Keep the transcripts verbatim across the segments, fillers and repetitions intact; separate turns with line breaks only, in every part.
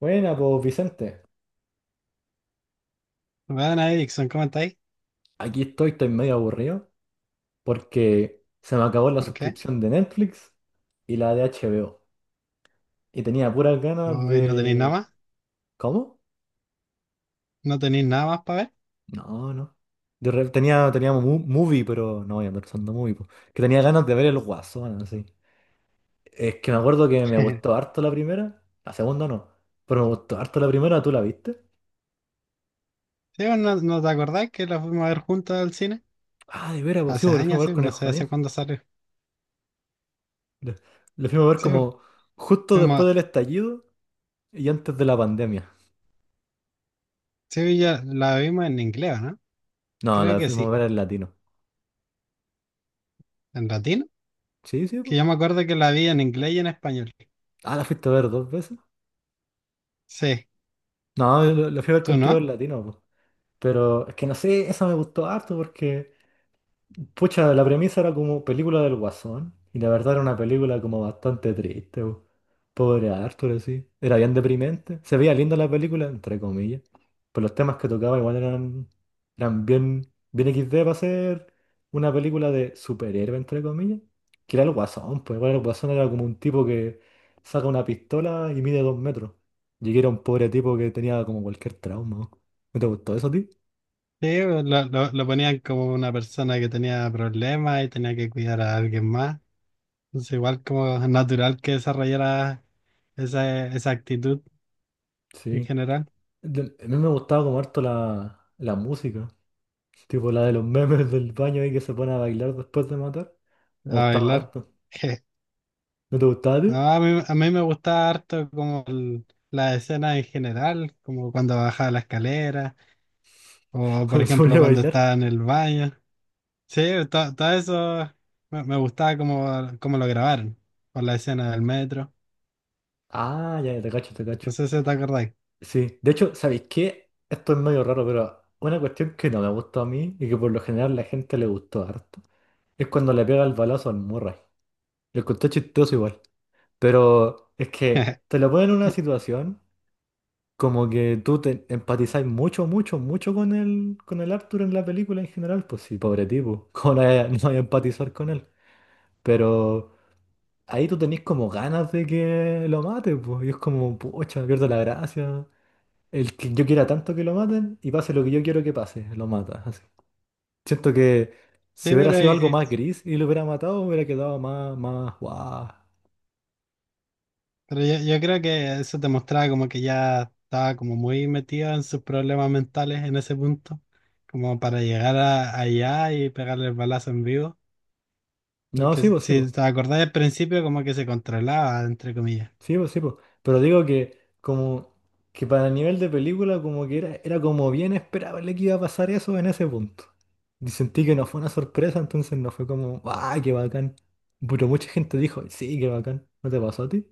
Buena, pues Vicente,
Bueno, Erickson, ¿cómo estáis?
aquí estoy, estoy medio aburrido porque se me acabó la
¿Por qué?
suscripción de Netflix y la de H B O. Y tenía puras ganas
¿Hoy no tenéis nada
de...
más?
¿Cómo?
¿No tenéis nada más para
No, no. De re- Tenía, tenía mu- movie, pero no voy a pensando movie, po. Que tenía ganas de ver el Guasón, así. Es que me acuerdo que me
ver?
gustó harto la primera, la segunda no, pero me gustó harto la primera, ¿tú la viste?
Sí, vos, ¿no, no te acordás que la fuimos a ver juntos al cine?
Ah, de veras, pues sí,
Hace
pues, lo fuimos
años,
a ver
sí,
con el
no sé
Juanín.
hace cuándo salió.
Lo lo fuimos a ver
Sí, vos,
como justo después
fuimos-
del estallido y antes de la pandemia.
sí, ya la vimos en inglés, ¿no?
No,
Creo
la
que
fuimos a
sí.
ver en latino.
¿En latino?
Sí, sí,
Que
po.
yo me acuerdo que la vi en inglés y en español.
Ah, la fuiste a ver dos veces.
Sí,
No, yo la la fui a ver
¿tú
contigo en
no?
latino, po. Pero es que no sé, esa me gustó harto porque pucha, la premisa era como película del Guasón, y la verdad era una película como bastante triste, po. Pobre Arthur, así. Era bien deprimente. Se veía linda la película, entre comillas. Pero los temas que tocaba igual eran, eran bien, bien X D para ser una película de superhéroe, entre comillas. Que era el Guasón, pues igual el Guasón era como un tipo que saca una pistola y mide dos metros. Y que era un pobre tipo que tenía como cualquier trauma. ¿No ¿No te gustó eso a ti?
Sí, vos, lo, lo, lo ponían como una persona que tenía problemas y tenía que cuidar a alguien más. Entonces, igual como natural que desarrollara esa, esa actitud en
Sí.
general.
Del- a mí me gustaba como harto la, la música. Tipo la de los memes del baño ahí que se pone a bailar después de matar.
A
Me gustaba
bailar.
harto. ¿No te gustaba a ti?
No, a mí, a mí me gusta harto como el- la escena en general, como cuando baja la escalera o por
Cuando se
ejemplo
ponía a
cuando
bailar.
está en el baño. Sí, to- todo eso me, me gustaba como, como lo grabaron con la escena del metro.
Ah, ya, ya te cacho, te cacho.
No sé si te acordáis.
Sí. De hecho, ¿sabéis qué? Esto es medio raro, pero una cuestión que no me gustó a mí y que por lo general la gente le gustó harto es cuando le pega el balazo al Murray. Lo encontré chistoso igual. Pero es que te lo ponen en una situación. Como que tú te empatizás mucho, mucho, mucho con el, con el Arthur en la película en general, pues sí, pobre tipo, ¿cómo no hay- no hay empatizar con él? Pero ahí tú tenés como ganas de que lo maten, pues, y es como, pucha, pierdo la gracia. El que yo quiera tanto que lo maten y pase lo que yo quiero que pase, lo mata, así. Siento que si
Sí,
hubiera
pero,
sido
eh,
algo
eh,
más gris y lo hubiera matado, hubiera quedado más, más, guau.
pero yo, yo creo que eso te mostraba como que ya estaba como muy metido en sus problemas mentales en ese punto, como para llegar a- allá y pegarle el balazo en vivo.
No,
Porque
sí, pues sí, pues.
si te acordás al principio, como que se controlaba, entre comillas.
Sí, pues sí, pues. Pero digo que como que para el nivel de película como que era, era como bien esperable que iba a pasar eso en ese punto. Y sentí que no fue una sorpresa, entonces no fue como, ¡ah, qué bacán! Pero mucha gente dijo, sí, qué bacán. ¿No te pasó a ti?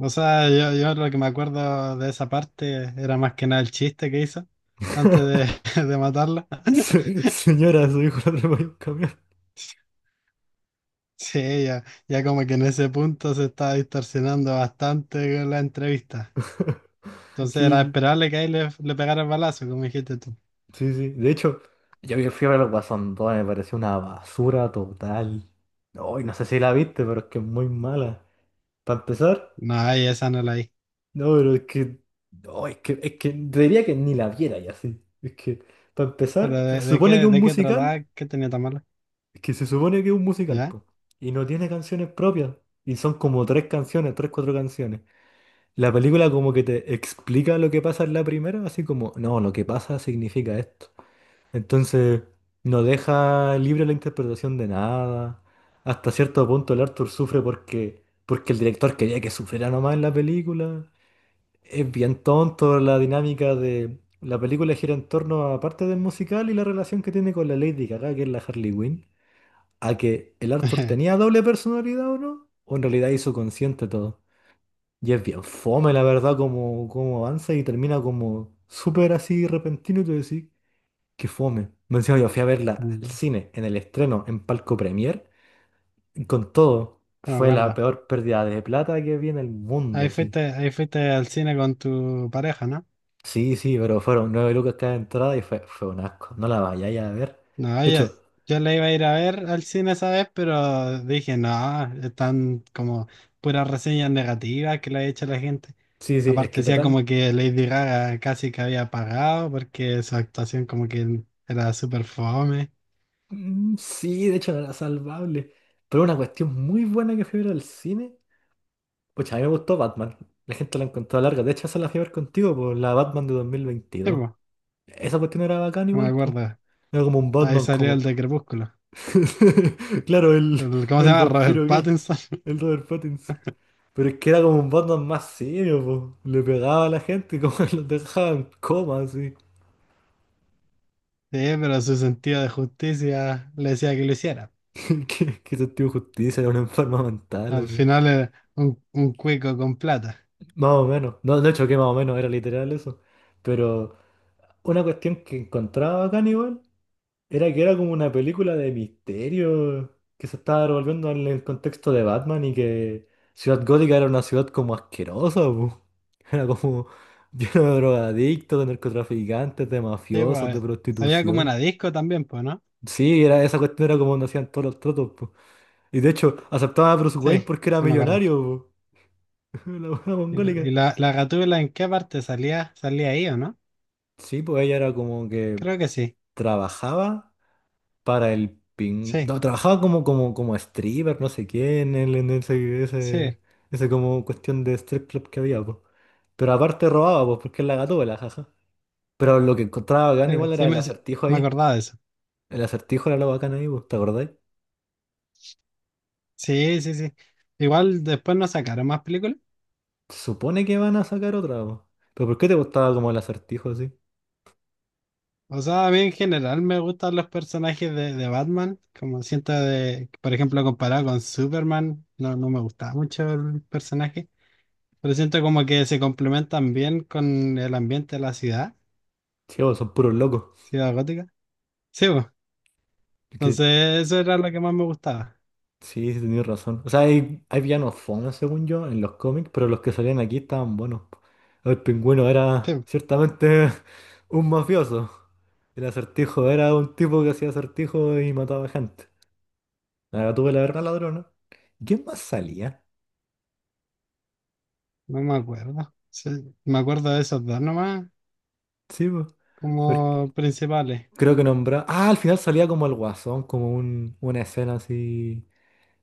O sea, yo, yo lo que me acuerdo de esa parte era más que nada el chiste que hizo antes de, de matarla.
Se- Señora, su hijo lo atropelló un camión.
Sí, ya, ya como que en ese punto se estaba distorsionando bastante con la entrevista. Entonces
Sí,
era
sí,
esperable que ahí le, le pegara el balazo, como dijiste tú.
sí, sí. De hecho, yo vi- fui a ver el Guasón dos, me pareció una basura total. No, y no sé si la viste, pero es que es muy mala. Para empezar.
No, ahí esa no la vi.
No, pero es que. No, es que, es que te diría que ni la viera ya, así. Es que, para
Pero
empezar, se
de, de qué,
supone que es un
de qué
musical.
trataba, qué tenía tan malo,
Es que se supone que es un musical,
¿ya?
po. Y no tiene canciones propias. Y son como tres canciones, tres, cuatro canciones. La película como que te explica lo que pasa en la primera, así como, no, lo que pasa significa esto. Entonces, no deja libre la interpretación de nada. Hasta cierto punto el Arthur sufre porque, porque el director quería que sufriera nomás en la película. Es bien tonto la dinámica de... La película gira en torno a parte del musical y la relación que tiene con la Lady Gaga, que es la Harley Quinn, a que el Arthur tenía doble personalidad o no, o en realidad hizo consciente todo. Y es bien fome, la verdad, como, como avanza y termina como súper así repentino y tú decís, qué fome. Me encima yo fui a verla al
Mm.
cine, en el estreno, en Palco Premier, y con todo.
No me
Fue la
acuerdo.
peor pérdida de plata que vi en el mundo,
Ahí
así.
fuiste, ahí fuiste al cine con tu pareja, ¿no?
Sí, sí, pero fueron nueve lucas cada entrada y fue, fue un asco. No la vayáis a ver.
No,
De
ya,
hecho,
yo la iba a ir a ver al cine esa vez, pero dije, no, están como puras reseñas negativas que le ha hecho la gente.
sí, sí, es
Aparte
que
decía
total.
como que Lady Gaga casi que había pagado porque su actuación como que era súper fome.
Mm, sí, de hecho no era salvable. Pero una cuestión muy buena que fui a ver al cine. Pucha, a mí me gustó Batman. La gente la encontró larga. De hecho, esa la fui a ver contigo, por la Batman de
Sí,
dos mil veintidós.
po,
Esa cuestión era bacán
no me
igual, pues.
acuerdo.
Era como un
Ahí
Batman,
salió
como.
el de Crepúsculo.
Claro, el,
El- ¿cómo se
el
llama? Robert
vampiro gay.
Pattinson.
El Robert Pattinson. Pero es que era como un Batman más serio, po. Le pegaba a la gente, como que los dejaba en coma, así.
Sí, pero su sentido de justicia le decía que lo hiciera.
¿Qué, qué sentido de justicia, era una enferma mental,
Al
así.
final era un, un cuico con plata.
Más o menos. No, de hecho, que más o menos era literal eso. Pero una cuestión que encontraba acá igual era que era como una película de misterio que se estaba revolviendo en el contexto de Batman y que Ciudad Gótica era una ciudad como asquerosa, po. Era como lleno de drogadictos, de narcotraficantes, de
Sí, po,
mafiosos, de
había como
prostitución.
una disco también, pues, no.
Sí, era, esa cuestión era como donde hacían todos los tratos, po. Y de hecho, aceptaba a Bruce
Sí,
Wayne porque era
sí me acuerdo.
millonario, po. La buena
¿Y,
mongólica.
y la, la Gatúbela en qué parte salía? ¿Salía ahí o no?
Sí, pues ella era como que
Creo que sí.
trabajaba para el ping...
Sí,
No, trabajaba como, como, como stripper, no sé quién, en, el- en ese, ese,
sí,
ese como cuestión de strip club que había, pues. Pero aparte robaba, pues, porque es la gatúbela, jaja. Pero lo que encontraba
sí,
bacán igual
sí,
era el
me, sí,
acertijo
me
ahí.
acordaba de eso.
El acertijo era lo bacán ahí, pues, ¿te acordáis?
Sí, sí, sí. Igual después no sacaron más películas.
Se supone que van a sacar otra, pues. ¿Pero por qué te gustaba como el acertijo así?
O sea, a mí en general me gustan los personajes de, de Batman. Como siento de, por ejemplo, comparado con Superman, no, no me gustaba mucho el personaje. Pero siento como que se complementan bien con el ambiente de la ciudad,
Sí, o son puros locos.
ciudad gótica. Sí, pues.
Es que,
Entonces eso era lo que más me gustaba.
sí, sí, tenías razón. O sea, hay, hay villanos fome, según yo, en los cómics, pero los que salían aquí estaban buenos. El pingüino era
Sí.
ciertamente un mafioso. El acertijo era un tipo que hacía acertijos y mataba gente. La tuve la una ladrona. ¿Quién más salía?
No me acuerdo. Sí, me acuerdo de esos dos nomás,
Sí, po. Porque
como principales.
creo que nombraba. Ah, al final salía como el guasón, como un, una escena así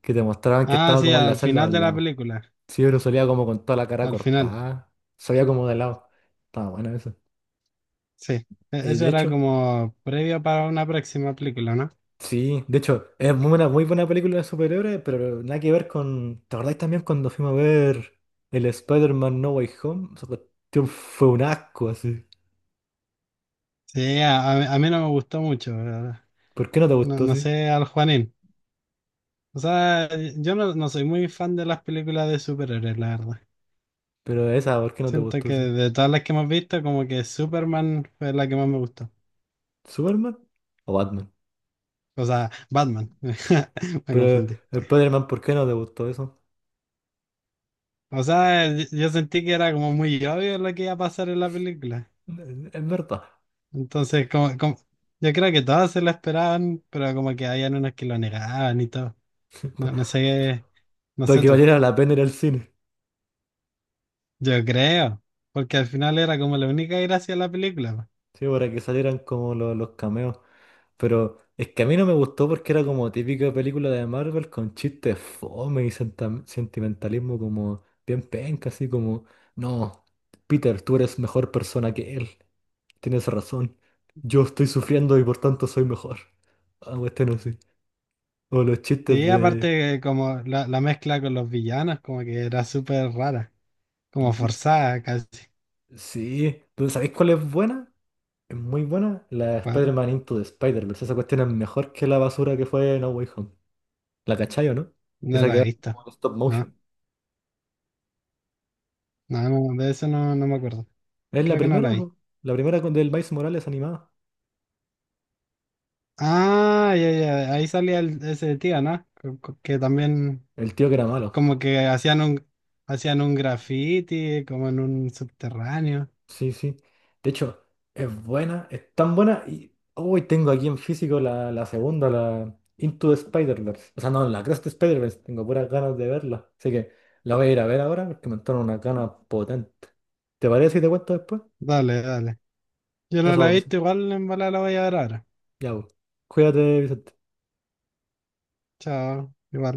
que te mostraban que
Ah,
estaba
sí,
como en la
al
celda
final
al
de la
lado.
película.
Sí, pero salía como con toda la cara
Al final,
cortada. Salía como de lado. Estaba bueno eso.
sí. E-
Eh,
Eso
de
era
hecho,
como previo para una próxima película, ¿no?
sí, de hecho, es muy buena, muy buena película de superhéroes, pero nada que ver con. ¿Te acordáis también cuando fuimos a ver el Spider-Man No Way Home? Esa cuestión fue un asco así.
Sí, a, a mí a mí no me gustó mucho. eh,
¿Por qué no te
No,
gustó
no
así?
sé, al Juanín. O sea, yo no, no soy muy fan de las películas de superhéroes, la verdad.
Pero esa, ¿por qué no te
Siento
gustó
que
así?
de todas las que hemos visto, como que Superman fue la que más me gustó.
¿Superman o Batman?
O sea, Batman. Me
Pero
confundí.
Spider-Man, ¿por qué no te gustó eso?
O sea, yo yo sentí que era como muy obvio lo que iba a pasar en la película.
Es es verdad.
Entonces, como, como- yo creo que todas se lo esperaban, pero como que habían unos que lo negaban y todo. No, no sé, no
Para
sé
que
tú.
valiera la pena ir al cine.
Yo creo, porque al final era como la única gracia de la película, po.
Sí, para que salieran como lo- los, cameos. Pero es que a mí no me gustó porque era como típica película de Marvel con chistes fome y senta- sentimentalismo como bien penca, así como, no, Peter, tú eres mejor persona que él, tienes razón, yo estoy sufriendo y por tanto soy mejor. Ah, este no sé. O los chistes
Sí,
de...
aparte como la, la mezcla con los villanos, como que era súper rara, como
de-
forzada casi.
Sí, ¿tú sabéis cuál es buena? Es muy buena. La
¿Cuál?
Spider-Man Into the Spider-Verse. Esa cuestión es mejor que la basura que fue No Way Home. ¿La cachai o no?
No
Esa que
la he
va
visto.
como en stop
No,
motion.
no, no, de eso no, no me acuerdo.
Es la
Creo que no la
primera,
vi.
po. La primera con- del Miles Morales animada.
Ah, ya, ya, ahí salía el- ese tío, ¿no? Co- co- Que también
El tío que era malo.
como que hacían un hacían un graffiti como en un subterráneo.
Sí, sí. De hecho, es buena, es tan buena. Y hoy tengo aquí en físico la, la segunda, la Into the Spider-Verse. O sea, no, la Cross the Spider-Verse. Tengo puras ganas de verla. Así que la voy a ir a ver ahora porque me entraron unas ganas potentes. ¿Te parece si te cuento después?
Dale, dale. Yo no la
Eso,
he visto,
Vicente.
igual en bola la voy a ver ahora.
Ya, po. Cuídate, Vicente.
Chao. Igual.